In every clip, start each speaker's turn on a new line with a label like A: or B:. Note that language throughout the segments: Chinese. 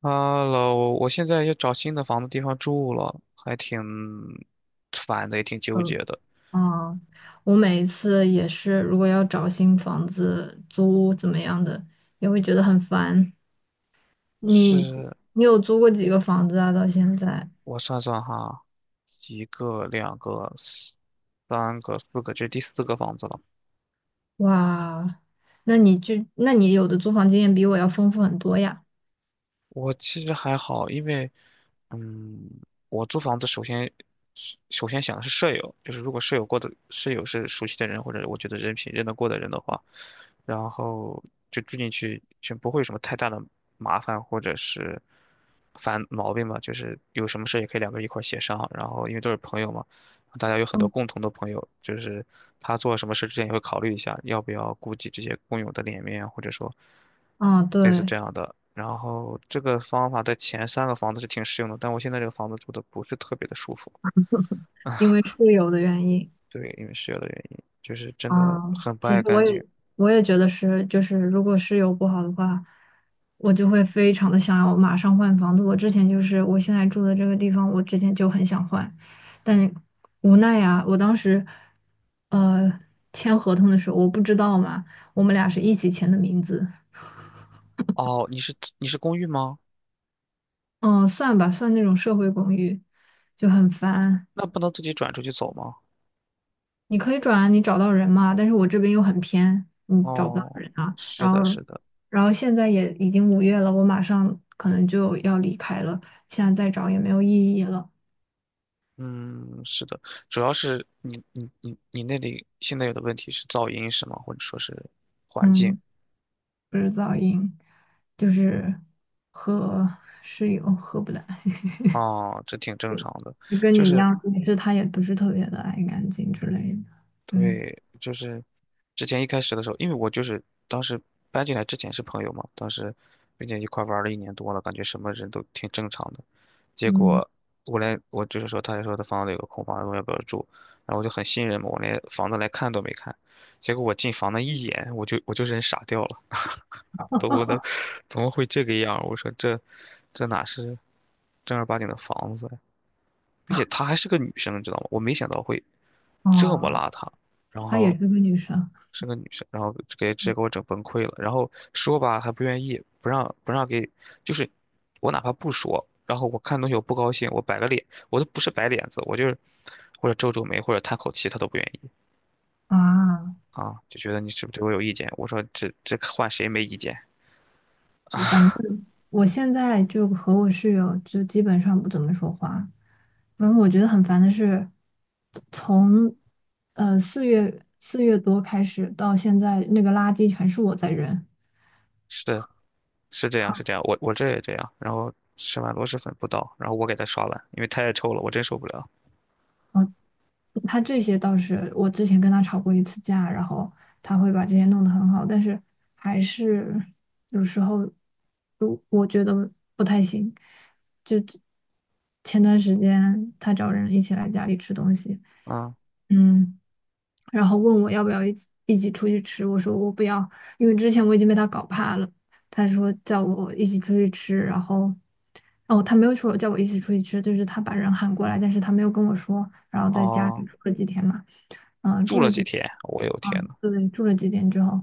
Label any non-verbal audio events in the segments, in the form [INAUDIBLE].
A: h e 我现在要找新的房子地方住了，还挺烦的，也挺纠结
B: 嗯，
A: 的。
B: 啊，我每一次也是，如果要找新房子租怎么样的，也会觉得很烦。你
A: 是，
B: 你有租过几个房子啊？到现在，
A: 我算算哈，一个、两个、三个、四个，这是第四个房子了。
B: 哇，那你有的租房经验比我要丰富很多呀。
A: 我其实还好，因为，嗯，我租房子首先想的是舍友，就是如果舍友过的舍友是熟悉的人，或者我觉得人品认得过的人的话，然后就住进去就不会有什么太大的麻烦或者是烦毛病嘛，就是有什么事也可以两个人一块儿协商，然后因为都是朋友嘛，大家有很多共同的朋友，就是他做什么事之前也会考虑一下，要不要顾及这些工友的脸面，或者说
B: 啊，
A: 类似
B: 对，
A: 这样的。然后这个方法在前三个房子是挺适用的，但我现在这个房子住的不是特别的舒服，
B: 因为室友的原因。
A: 对，因为室友的原因，就是真的
B: 啊，
A: 很不
B: 其实
A: 爱
B: 我
A: 干净。
B: 也我也觉得是，就是如果室友不好的话，我就会非常的想要马上换房子。我之前就是我现在住的这个地方，我之前就很想换，但无奈呀，我当时呃签合同的时候我不知道嘛，我们俩是一起签的名字。
A: 哦，你是公寓吗？
B: 嗯，算吧，算那种社会公寓，就很烦。
A: 那不能自己转出去走吗？
B: 你可以转啊，你找到人嘛，但是我这边又很偏，你找不到
A: 哦，
B: 人啊。
A: 是
B: 然
A: 的，
B: 后，
A: 是的，
B: 然后现在也已经5月了，我马上可能就要离开了，现在再找也没有意义了。
A: 嗯，是的，主要是你那里现在有的问题是噪音是吗？或者说是环境？
B: 嗯，不是噪音，就是和室友合不来，[LAUGHS]
A: 哦，这挺正常的，
B: 就跟
A: 就
B: 你一
A: 是
B: 样，也是他也不是特别的爱干净之类的。对，
A: 对，就是之前一开始的时候，因为我就是当时搬进来之前是朋友嘛，当时并且一块儿玩了1年多了，感觉什么人都挺正常的。结
B: 嗯，
A: 果我就是说，他就说他房子有个空房，问我要不要住，然后我就很信任嘛，我连房子来看都没看。结果我进房那一眼，我就人傻掉了，我都怎么会这个样儿，我说这哪是正儿八经的房子？并且她还是个女生，你知道吗？我没想到会这么
B: 哦，
A: 邋遢，然
B: 她也
A: 后
B: 是个女生
A: 是个女生，然后给直接给我整崩溃了。然后说吧，还不愿意，不让给，就是我哪怕不说，然后我看东西我不高兴，我摆个脸，我都不是摆脸子，我就是或者皱皱眉或者叹口气，她都不愿意
B: 啊。
A: 啊，就觉得你是不是对我有意见？我说这换谁没意见？
B: 我反正我现在就和我室友就基本上不怎么说话。反正我觉得很烦的是，从4月多开始到现在，那个垃圾全是我在扔。
A: 是是这样是
B: 好，
A: 这样，我这也这样，然后吃完螺蛳粉不倒，然后我给她刷碗，因为太臭了，我真受不了
B: 他这些倒是我之前跟他吵过一次架，然后他会把这些弄得很好，但是还是有时候就我觉得不太行。就前段时间他找人一起来家里吃东西。
A: 啊。
B: 嗯。然后问我要不要一起出去吃，我说我不要，因为之前我已经被他搞怕了。他说叫我一起出去吃，然后，哦，他没有说叫我一起出去吃，就是他把人喊过来，但是他没有跟我说，然后在家里
A: 哦，
B: 住了几天嘛，嗯、
A: 住
B: 住
A: 了
B: 了
A: 几
B: 几，
A: 天，我有天
B: 嗯，
A: 呐，
B: 对，住了几天之后，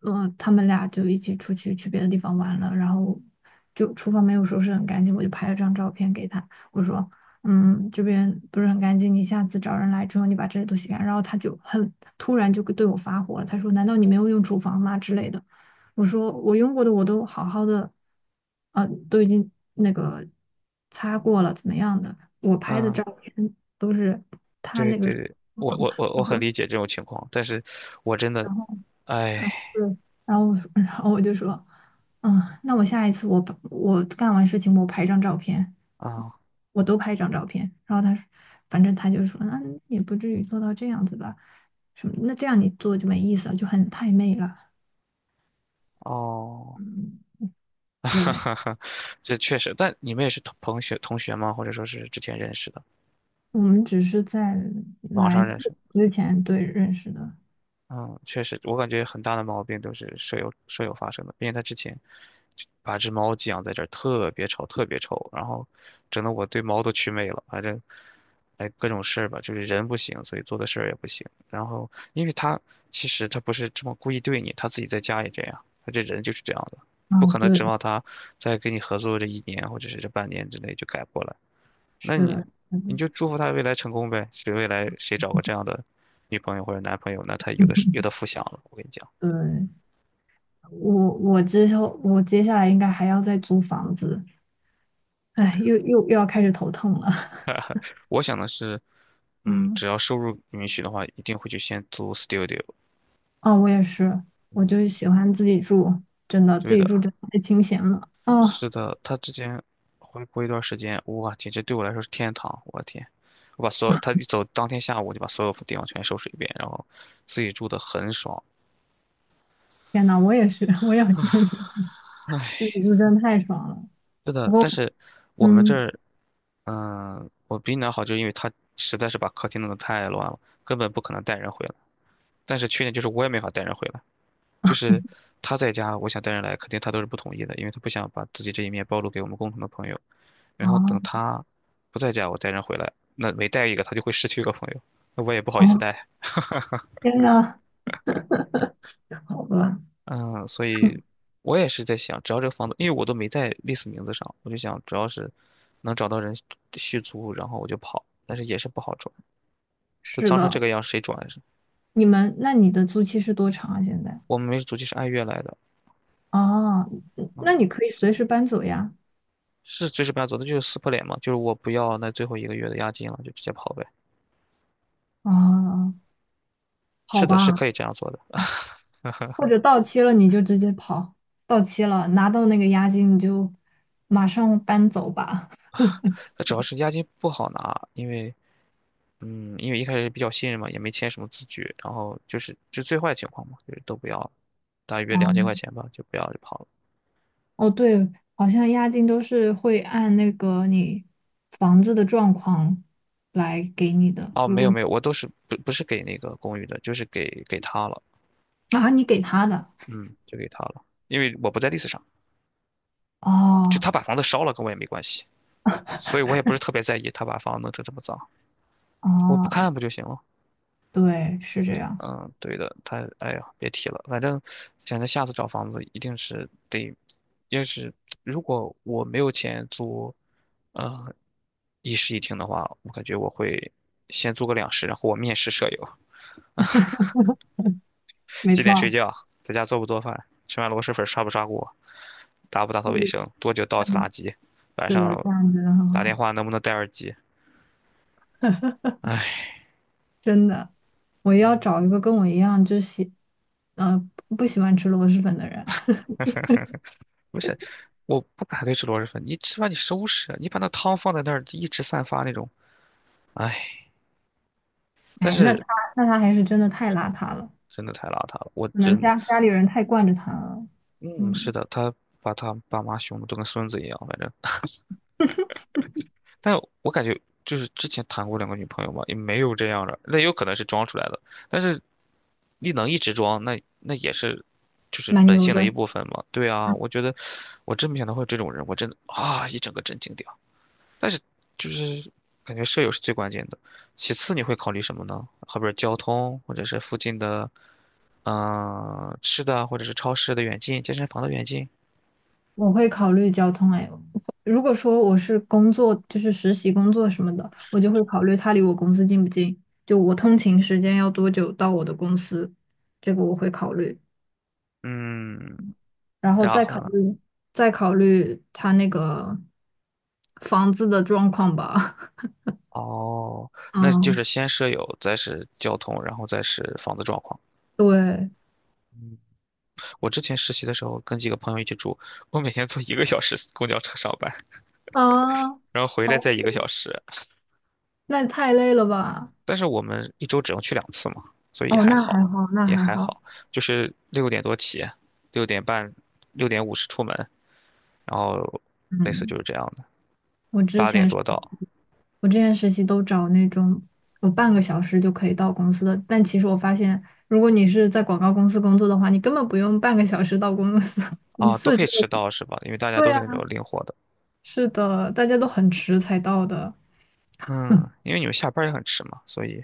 B: 他们俩就一起出去去别的地方玩了，然后就厨房没有收拾很干净，我就拍了张照片给他，我说嗯，这边不是很干净，你下次找人来之后，你把这些都洗干净。然后他就很突然就对我发火了，他说："难道你没有用厨房吗？"之类的。我说："我用过的我都好好的，都已经那个擦过了，怎么样的？我拍的照
A: 嗯，
B: 片都是。"他
A: 对
B: 就
A: 对
B: 说，
A: 对，我我我
B: 我
A: 我很
B: 说。
A: 理解这种情况，但是我真的，哎，
B: 对，然后我说 [LAUGHS] 然后我就说，嗯，那我下一次我把我干完事情我拍张照片，
A: 啊，
B: 我都拍张照片。然后他说，反正他就说，那也不至于做到这样子吧，什么？那这样你做就没意思了，就很太媚了。
A: 哦，
B: 嗯，
A: [LAUGHS] 哈
B: 对，
A: 哈哈，这确实，但你们也是同学吗？或者说是之前认识的，
B: 我们只是在
A: 网
B: 来
A: 上认识的。
B: 之前对认识的。
A: 嗯，确实，我感觉很大的毛病都是舍友发生的，并且他之前就把只猫寄养在这儿，特别吵，特别臭，然后整得我对猫都祛魅了。反正，哎，各种事儿吧，就是人不行，所以做的事儿也不行。然后，因为他其实他不是这么故意对你，他自己在家也这样，他这人就是这样的，
B: 啊，
A: 不可能指
B: 对，
A: 望他在跟你合作这一年或者是这半年之内就改过来。那
B: 是
A: 你
B: 的，是的，
A: 你就祝福他未来成功呗，谁未来谁找个这样的女朋友或者男朋友，那他有的是有
B: [LAUGHS]
A: 的福享了。我跟你讲，
B: 对，我我之后我接下来应该还要再租房子，哎，又要开始头痛了。
A: 我想的是，嗯，
B: 嗯，
A: 只要收入允许的话，一定会去先租 studio。
B: 哦，我也是，我就喜欢自己住，真的自
A: 对
B: 己住
A: 的，
B: 真的太清闲了。哦，
A: 是的，他之前回国一段时间，哇，简直对我来说是天堂。我的天，我把所有他一走，当天下午我就把所有地方全收拾一遍，然后自己住的很爽。
B: 天呐，我也是，我也觉得自
A: 唉，
B: 己住真的太爽了。
A: 是
B: 不
A: 的，
B: 过，
A: 但是我们这
B: 嗯，
A: 儿，我比你那好，就因为他实在是把客厅弄得太乱了，根本不可能带人回来。但是缺点就是我也没法带人回来，就是他在家，我想带人来，肯定他都是不同意的，因为他不想把自己这一面暴露给我们共同的朋友。然后等
B: 哦
A: 他不在家，我带人回来，那每带一个，他就会失去一个朋友，那我也不好意思
B: 哦，
A: 带。
B: 天呐，好吧，
A: 嗯，所以我也是在想，只要这个房子，因为我都没在历史名字上，我就想，只要是能找到人续租，然后我就跑，但是也是不好转，就
B: 是
A: 脏成这
B: 的，
A: 个样，谁转呀。
B: 你们那你的租期是多长啊？现在？
A: 我们没租期，是按月来的，
B: 哦，嗯
A: 嗯，
B: 那你可以随时搬走呀。
A: 是随时不要走，那就是撕破脸嘛，就是我不要那最后1个月的押金了，就直接跑呗。
B: 哦，好
A: 是的，是
B: 吧，
A: 可以这样做的。
B: 或
A: [LAUGHS]
B: 者到期了你就直接跑，到期了拿到那个押金你就马上搬走吧。
A: 主要是押金不好拿，因为嗯，因为一开始比较信任嘛，也没签什么字据，然后就是就最坏情况嘛，就是都不要了，大约两千
B: [LAUGHS]
A: 块钱吧，就不要就跑了。
B: 哦，对，好像押金都是会按那个你房子的状况来给你的，
A: 哦，
B: 如
A: 没
B: 果
A: 有没有，我都是不是给那个公寓的，就是给他了，
B: 啊，你给他的，
A: 嗯，就给他了，因为我不在 list 上，就他
B: 哦
A: 把房子烧了跟我也没关系，所以我也不是特别在意他把房子弄成这么脏，我不
B: 哦，
A: 看不就行了？
B: 对，是这样。
A: 嗯，对的，他哎呀，别提了，反正想着下次找房子一定是得，要是如果我没有钱租，呃，一室一厅的话，我感觉我会先租个两室，然后我面试舍友。
B: 没
A: 几点睡
B: 错，
A: 觉，在家做不做饭，吃完螺蛳粉刷不刷锅，打不打
B: [LAUGHS]
A: 扫卫
B: 对，
A: 生，多久倒一次垃
B: 嗯，
A: 圾，晚
B: 是的，这
A: 上
B: 样真的很
A: 打
B: 好。
A: 电话能不能戴耳机？哎，
B: 真的，我要找一个跟我一样就呃，不喜欢吃螺蛳粉的人。
A: [LAUGHS] 不是，我不反对吃螺蛳粉，你吃完你收拾啊，你把那汤放在那儿一直散发那种，哎，但
B: 哎，那
A: 是
B: 他那他还是真的太邋遢了，
A: 真的太邋遢了，我
B: 可能
A: 真，
B: 家里人太惯着他了。
A: 嗯，是
B: 嗯，
A: 的，他把他爸妈凶的都跟孙子一样，反正但我感觉就是之前谈过两个女朋友嘛，也没有这样的，那有可能是装出来的。但是你能一直装，那也是就是
B: 蛮
A: 本
B: 牛
A: 性的一
B: 的。
A: 部分嘛。对啊，我觉得我真没想到会有这种人，我真的啊一整个震惊掉。但是就是感觉舍友是最关键的，其次你会考虑什么呢？后边交通，或者是附近的嗯、吃的，或者是超市的远近，健身房的远近，
B: 我会考虑交通哎，如果说我是工作，就是实习工作什么的，我就会考虑它离我公司近不近，就我通勤时间要多久到我的公司，这个我会考虑，
A: 嗯，
B: 然后
A: 然
B: 再
A: 后
B: 考
A: 呢？
B: 虑再考虑他那个房子的状况吧。[LAUGHS]
A: 哦，那就
B: 嗯，
A: 是先舍友，再是交通，然后再是房子状况。
B: 对
A: 嗯，我之前实习的时候跟几个朋友一起住，我每天坐1个小时公交车上班，
B: 啊，
A: 然后回来再
B: 哦，
A: 一个小时。
B: 那太累了吧？
A: 但是我们一周只能去2次嘛，所以
B: 哦，
A: 还
B: 那还
A: 好，
B: 好，那
A: 也
B: 还
A: 还
B: 好，
A: 好。就是6点多起，6:30、6:50出门，然后类似
B: 嗯。
A: 就是这样的，
B: 我之
A: 八点
B: 前是
A: 多到。
B: 我之前实习都找那种有半个小时就可以到公司的，但其实我发现，如果你是在广告公司工作的话，你根本不用半个小时到公司，[LAUGHS] 你
A: 啊，都
B: 四
A: 可
B: 十
A: 以迟
B: 五。
A: 到是吧？因为大家
B: 对
A: 都
B: 呀，
A: 是那种灵活的。
B: 是的，大家都很迟才到的。
A: 嗯，因为你们下班也很迟嘛，所以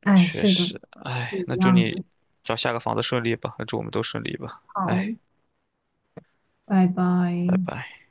B: 哎，
A: 确
B: 是的，
A: 实，哎，
B: 是
A: 那
B: 一
A: 祝
B: 样
A: 你
B: 的。
A: 找下个房子顺利吧，那祝我们都顺利吧，
B: 好，
A: 哎，
B: 拜拜。
A: 拜拜。